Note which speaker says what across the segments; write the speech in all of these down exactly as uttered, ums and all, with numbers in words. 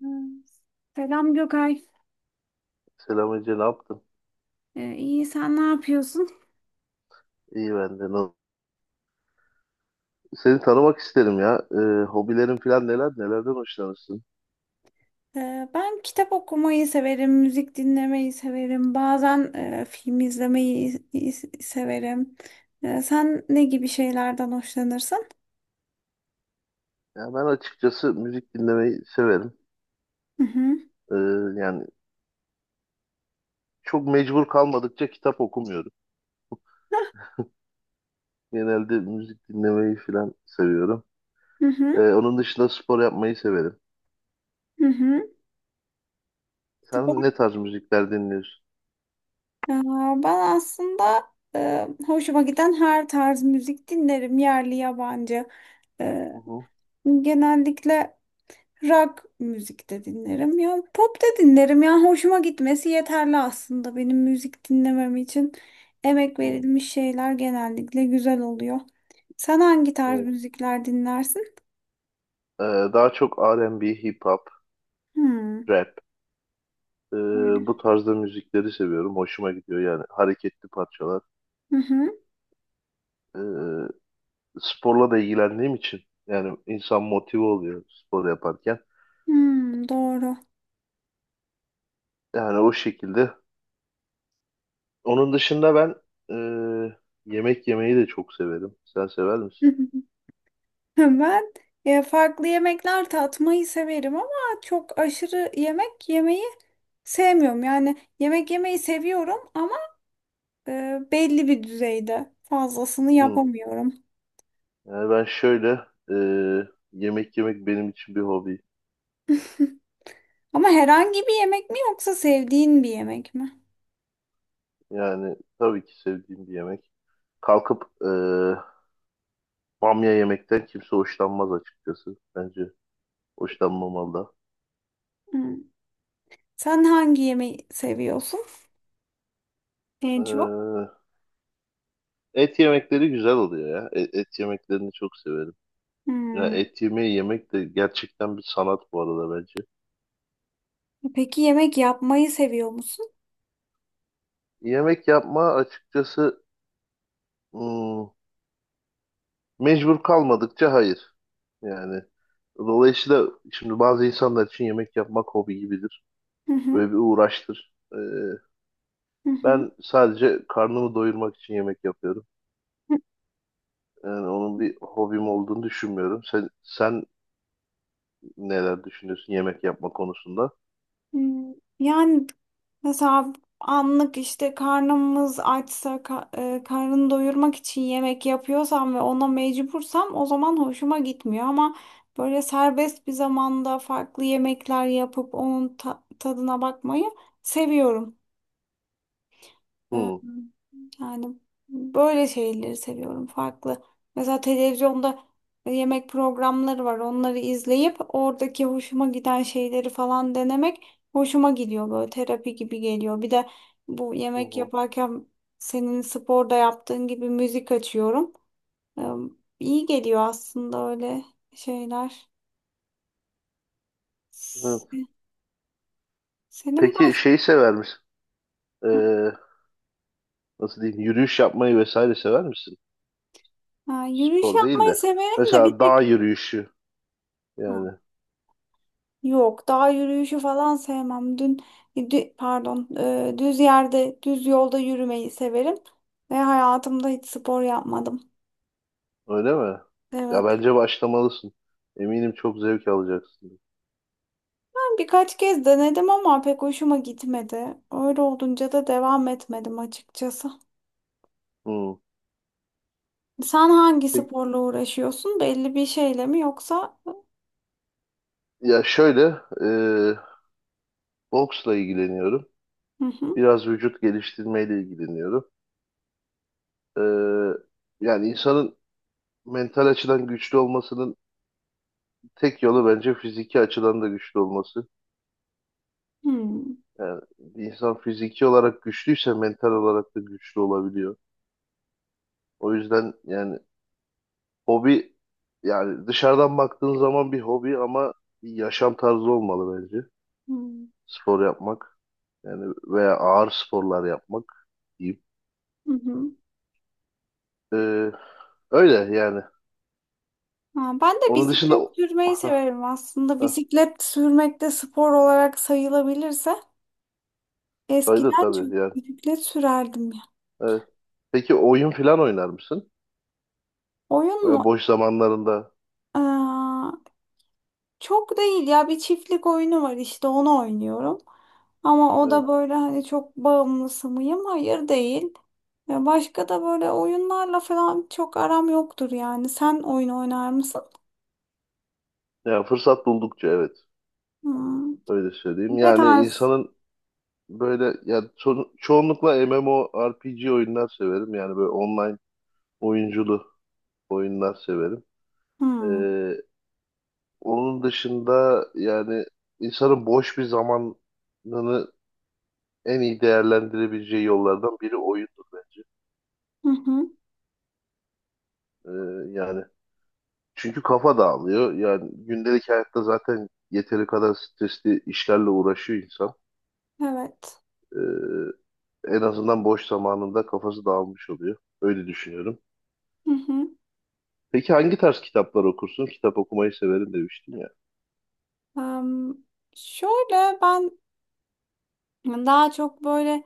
Speaker 1: Hmm. Selam Gökay.
Speaker 2: Selam Ece, ne yaptın?
Speaker 1: Ee, iyi sen ne yapıyorsun?
Speaker 2: İyi ben de. Nasıl? Seni tanımak isterim ya. Ee, hobilerin falan neler, nelerden hoşlanırsın?
Speaker 1: Ee, ben kitap okumayı severim, müzik dinlemeyi severim. Bazen e, film izlemeyi i- i- severim. Ee, sen ne gibi şeylerden hoşlanırsın?
Speaker 2: Ya ben açıkçası müzik dinlemeyi severim.
Speaker 1: Hı hı.
Speaker 2: Ee, Yani çok mecbur kalmadıkça kitap okumuyorum. Genelde müzik dinlemeyi falan seviyorum.
Speaker 1: Hı
Speaker 2: Ee,
Speaker 1: hı.
Speaker 2: onun dışında spor yapmayı severim.
Speaker 1: Hı hı. Spor.
Speaker 2: Sen ne tarz müzikler dinliyorsun?
Speaker 1: Aa, ben aslında e, hoşuma giden her tarz müzik dinlerim, yerli yabancı. Ee,
Speaker 2: Hı hı.
Speaker 1: Genellikle rock müzik de dinlerim ya. Pop da dinlerim ya. Hoşuma gitmesi yeterli aslında. Benim müzik dinlemem için emek
Speaker 2: Hı,
Speaker 1: verilmiş şeyler genellikle güzel oluyor. Sen hangi tarz
Speaker 2: evet.
Speaker 1: müzikler dinlersin?
Speaker 2: Ee, Daha çok R and B, hip hop,
Speaker 1: Hmm.
Speaker 2: rap. Ee, Bu
Speaker 1: Öyle.
Speaker 2: tarzda müzikleri seviyorum. Hoşuma gidiyor, yani hareketli parçalar.
Speaker 1: Hı hı.
Speaker 2: Ee, Sporla da ilgilendiğim için yani insan motive oluyor spor yaparken.
Speaker 1: Hmm, doğru.
Speaker 2: Yani o şekilde. Onun dışında ben e, yemek yemeyi de çok severim. Sen sever misin?
Speaker 1: Ben e, farklı yemekler tatmayı severim ama çok aşırı yemek yemeyi sevmiyorum. Yani yemek yemeyi seviyorum ama e, belli bir düzeyde fazlasını
Speaker 2: Hı.
Speaker 1: yapamıyorum.
Speaker 2: Yani ben şöyle e, yemek yemek benim için bir hobi.
Speaker 1: Ama herhangi bir yemek mi yoksa sevdiğin bir yemek mi?
Speaker 2: Yani tabii ki sevdiğim bir yemek. Kalkıp e, bamya yemekten kimse hoşlanmaz açıkçası. Bence hoşlanmamalı da.
Speaker 1: Hmm. Sen hangi yemeği seviyorsun en çok?
Speaker 2: E, et yemekleri güzel oluyor ya. E- Et, yemeklerini çok severim. Ya
Speaker 1: Hmm.
Speaker 2: et yemeği yemek de gerçekten bir sanat bu arada bence.
Speaker 1: Peki yemek yapmayı seviyor musun?
Speaker 2: Yemek yapma açıkçası hmm, mecbur kalmadıkça hayır. Yani dolayısıyla şimdi bazı insanlar için yemek yapmak hobi gibidir.
Speaker 1: Hı hı,
Speaker 2: Böyle bir uğraştır. Ee,
Speaker 1: hı hı.
Speaker 2: ben sadece karnımı doyurmak için yemek yapıyorum. Yani onun bir hobim olduğunu düşünmüyorum. Sen sen neler düşünüyorsun yemek yapma konusunda?
Speaker 1: Hmm. Yani mesela anlık işte karnımız açsa ka- e, karnını doyurmak için yemek yapıyorsam ve ona mecbursam o zaman hoşuma gitmiyor ama böyle serbest bir zamanda farklı yemekler yapıp onun ta- tadına bakmayı seviyorum. Ee,
Speaker 2: Hı,
Speaker 1: Yani böyle şeyleri seviyorum farklı. Mesela televizyonda yemek programları var. Onları izleyip oradaki hoşuma giden şeyleri falan denemek hoşuma gidiyor, böyle terapi gibi geliyor. Bir de bu
Speaker 2: hı,
Speaker 1: yemek
Speaker 2: hı.
Speaker 1: yaparken senin sporda yaptığın gibi müzik açıyorum. Ee, İyi geliyor aslında öyle şeyler.
Speaker 2: Hı.
Speaker 1: Se- Senin
Speaker 2: Peki
Speaker 1: baş...
Speaker 2: şeyi sever misin? Ee, Nasıl diyeyim? Yürüyüş yapmayı vesaire sever misin?
Speaker 1: Ha, yürüyüş
Speaker 2: Spor değil
Speaker 1: yapmayı
Speaker 2: de
Speaker 1: severim de bir
Speaker 2: mesela dağ
Speaker 1: tek...
Speaker 2: yürüyüşü
Speaker 1: Ha,
Speaker 2: yani,
Speaker 1: yok, dağ yürüyüşü falan sevmem. Dün, dü- pardon, e, düz yerde, düz yolda yürümeyi severim ve hayatımda hiç spor yapmadım.
Speaker 2: öyle mi? Ya
Speaker 1: Evet.
Speaker 2: bence başlamalısın. Eminim çok zevk alacaksın.
Speaker 1: Ben birkaç kez denedim ama pek hoşuma gitmedi. Öyle olunca da devam etmedim açıkçası.
Speaker 2: Hmm.
Speaker 1: Sen hangi
Speaker 2: Peki,
Speaker 1: sporla uğraşıyorsun? Belli bir şeyle mi yoksa?
Speaker 2: ya şöyle e, boksla ilgileniyorum.
Speaker 1: Hı hı.
Speaker 2: Biraz vücut geliştirmeyle ilgileniyorum. E, Yani insanın mental açıdan güçlü olmasının tek yolu bence fiziki açıdan da güçlü olması.
Speaker 1: Hmm.
Speaker 2: Yani bir insan fiziki olarak güçlüyse mental olarak da güçlü olabiliyor. O yüzden yani hobi, yani dışarıdan baktığın zaman bir hobi, ama bir yaşam tarzı olmalı bence.
Speaker 1: Hmm.
Speaker 2: Spor yapmak, yani veya ağır sporlar yapmak diyeyim.
Speaker 1: Hı hı.
Speaker 2: Ee, Öyle yani.
Speaker 1: Ha, ben de
Speaker 2: Onun dışında
Speaker 1: bisiklet sürmeyi severim aslında. Bisiklet sürmek de spor olarak sayılabilirse.
Speaker 2: saydı
Speaker 1: Eskiden çok
Speaker 2: tabii yani.
Speaker 1: bisiklet sürerdim ya.
Speaker 2: Evet. Peki oyun falan oynar mısın?
Speaker 1: Oyun
Speaker 2: Veya
Speaker 1: mu?
Speaker 2: boş zamanlarında,
Speaker 1: Aa, çok değil ya, bir çiftlik oyunu var, işte onu oynuyorum. Ama o
Speaker 2: evet.
Speaker 1: da böyle, hani, çok bağımlısı mıyım? Hayır, değil. Ya, başka da böyle oyunlarla falan çok aram yoktur yani. Sen oyun oynar mısın?
Speaker 2: Ya fırsat buldukça evet.
Speaker 1: Hmm.
Speaker 2: Öyle söyleyeyim.
Speaker 1: Ne
Speaker 2: Yani
Speaker 1: tarz?
Speaker 2: insanın böyle, yani ço- çoğunlukla MMORPG oyunlar severim. Yani böyle online oyunculu oyunlar severim.
Speaker 1: Hmm.
Speaker 2: Ee, Onun dışında yani insanın boş bir zamanını en iyi değerlendirebileceği yollardan biri oyundur bence.
Speaker 1: Hı hı.
Speaker 2: Ee, Yani çünkü kafa dağılıyor. Yani gündelik hayatta zaten yeteri kadar stresli işlerle uğraşıyor insan.
Speaker 1: Evet.
Speaker 2: Ee, En azından boş zamanında kafası dağılmış oluyor. Öyle düşünüyorum.
Speaker 1: Hı hı.
Speaker 2: Peki hangi tarz kitaplar okursun? Kitap okumayı severim demiştin ya.
Speaker 1: Em, Şöyle ben daha çok böyle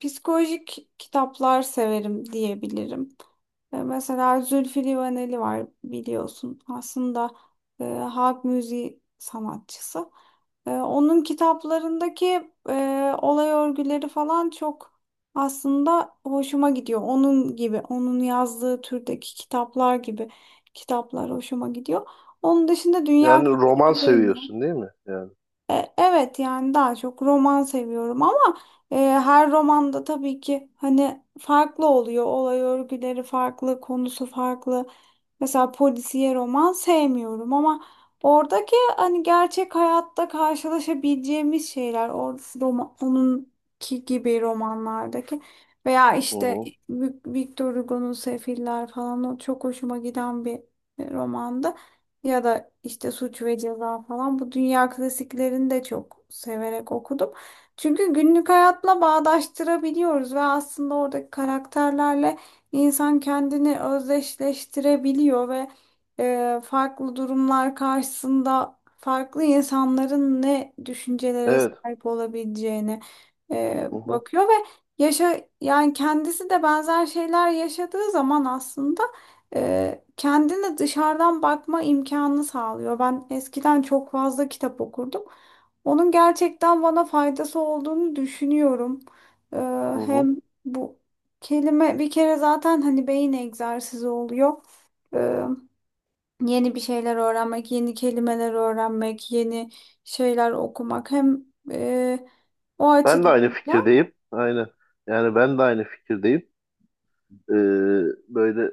Speaker 1: psikolojik kitaplar severim diyebilirim. E, Mesela Zülfü Livaneli var, biliyorsun. Aslında e, halk müziği sanatçısı. E, onun kitaplarındaki e, olay örgüleri falan çok aslında hoşuma gidiyor. Onun gibi, onun yazdığı türdeki kitaplar gibi kitaplar hoşuma gidiyor. Onun dışında dünya
Speaker 2: Yani roman
Speaker 1: klasikleri.
Speaker 2: seviyorsun değil mi? Yani.
Speaker 1: E, Evet, yani daha çok roman seviyorum ama e, her romanda tabii ki hani farklı oluyor. Olay örgüleri farklı, konusu farklı. Mesela polisiye roman sevmiyorum ama oradaki hani gerçek hayatta karşılaşabileceğimiz şeyler or roman, onunki gibi romanlardaki veya
Speaker 2: Hı
Speaker 1: işte
Speaker 2: hı.
Speaker 1: Victor Hugo'nun Sefiller falan, o çok hoşuma giden bir e, romandı, ya da işte Suç ve Ceza falan, bu dünya klasiklerini de çok severek okudum. Çünkü günlük hayatla bağdaştırabiliyoruz ve aslında oradaki karakterlerle insan kendini özdeşleştirebiliyor ve e, farklı durumlar karşısında farklı insanların ne düşüncelere
Speaker 2: Evet.
Speaker 1: sahip olabileceğini e,
Speaker 2: Hı hı.
Speaker 1: bakıyor ve yaşa, yani kendisi de benzer şeyler yaşadığı zaman aslında e, kendine dışarıdan bakma imkanını sağlıyor. Ben eskiden çok fazla kitap okurdum. Onun gerçekten bana faydası olduğunu düşünüyorum. E,
Speaker 2: Hı hı.
Speaker 1: Hem bu kelime bir kere zaten hani beyin egzersizi oluyor. E, Yeni bir şeyler öğrenmek, yeni kelimeler öğrenmek, yeni şeyler okumak hem e, o
Speaker 2: Ben de aynı
Speaker 1: açıdan da.
Speaker 2: fikirdeyim. Aynen. Yani ben de aynı fikirdeyim. Ee, Böyle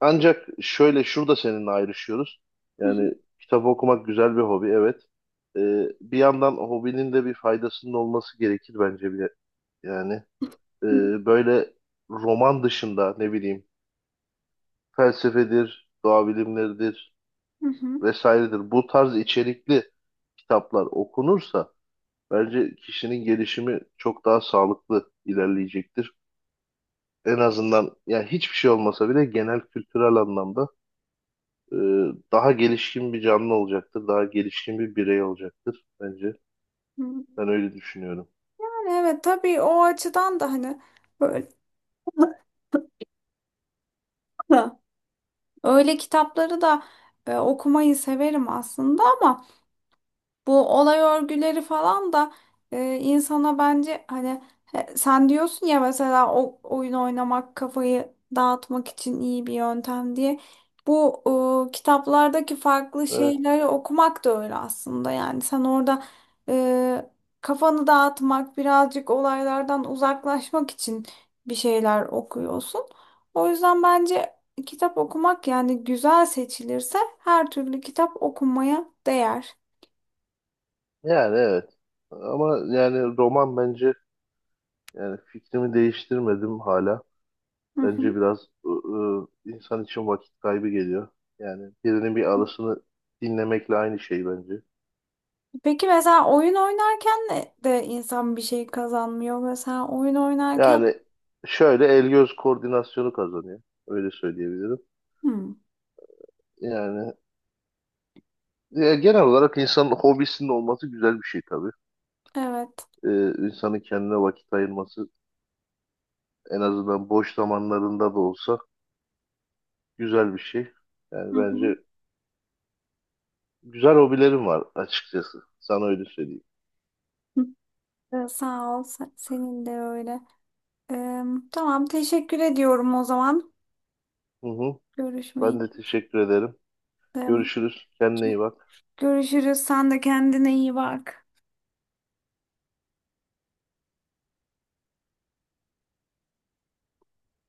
Speaker 2: ancak şöyle şurada seninle ayrışıyoruz. Yani
Speaker 1: Hı
Speaker 2: kitap okumak güzel bir hobi, evet. Ee, bir yandan hobinin de bir faydasının olması gerekir bence bile. Yani e,
Speaker 1: hı.
Speaker 2: böyle roman dışında ne bileyim, felsefedir, doğa bilimleridir
Speaker 1: Hı hı.
Speaker 2: vesairedir. Bu tarz içerikli kitaplar okunursa bence kişinin gelişimi çok daha sağlıklı ilerleyecektir. En azından yani hiçbir şey olmasa bile genel kültürel anlamda e, daha gelişkin bir canlı olacaktır. Daha gelişkin bir birey olacaktır bence.
Speaker 1: Hı.
Speaker 2: Ben öyle düşünüyorum.
Speaker 1: Yani evet, tabii o açıdan da hani böyle öyle kitapları da e, okumayı severim aslında ama bu olay örgüleri falan da e, insana, bence hani, he- sen diyorsun ya mesela, o oyun oynamak kafayı dağıtmak için iyi bir yöntem diye. Bu e, kitaplardaki farklı
Speaker 2: Evet,
Speaker 1: şeyleri okumak da öyle aslında. Yani sen orada e, kafanı dağıtmak, birazcık olaylardan uzaklaşmak için bir şeyler okuyorsun. O yüzden bence kitap okumak, yani güzel seçilirse her türlü kitap, okunmaya değer.
Speaker 2: yani evet. Ama yani roman bence, yani fikrimi değiştirmedim hala.
Speaker 1: Hı hı.
Speaker 2: Bence biraz e, e, insan için vakit kaybı geliyor. Yani birinin bir arasını dinlemekle aynı şey bence.
Speaker 1: Peki mesela oyun oynarken de de insan bir şey kazanmıyor. Mesela oyun oynarken.
Speaker 2: Yani şöyle el göz koordinasyonu kazanıyor. Öyle söyleyebilirim.
Speaker 1: Hmm,
Speaker 2: Yani ya genel olarak insanın hobisinin olması güzel bir şey tabii.
Speaker 1: evet.
Speaker 2: Ee, insanın kendine vakit ayırması, en azından boş zamanlarında da olsa, güzel bir şey.
Speaker 1: Hı
Speaker 2: Yani bence
Speaker 1: hı.
Speaker 2: güzel hobilerim var açıkçası. Sana öyle söyleyeyim.
Speaker 1: Ee, Sağ ol. se- Senin de öyle. Ee, tamam, teşekkür ediyorum o zaman.
Speaker 2: Hı hı.
Speaker 1: Görüşme
Speaker 2: Ben de
Speaker 1: için.
Speaker 2: teşekkür ederim.
Speaker 1: Ee,
Speaker 2: Görüşürüz. Kendine
Speaker 1: Çok
Speaker 2: iyi bak.
Speaker 1: görüşürüz. Sen de kendine iyi bak.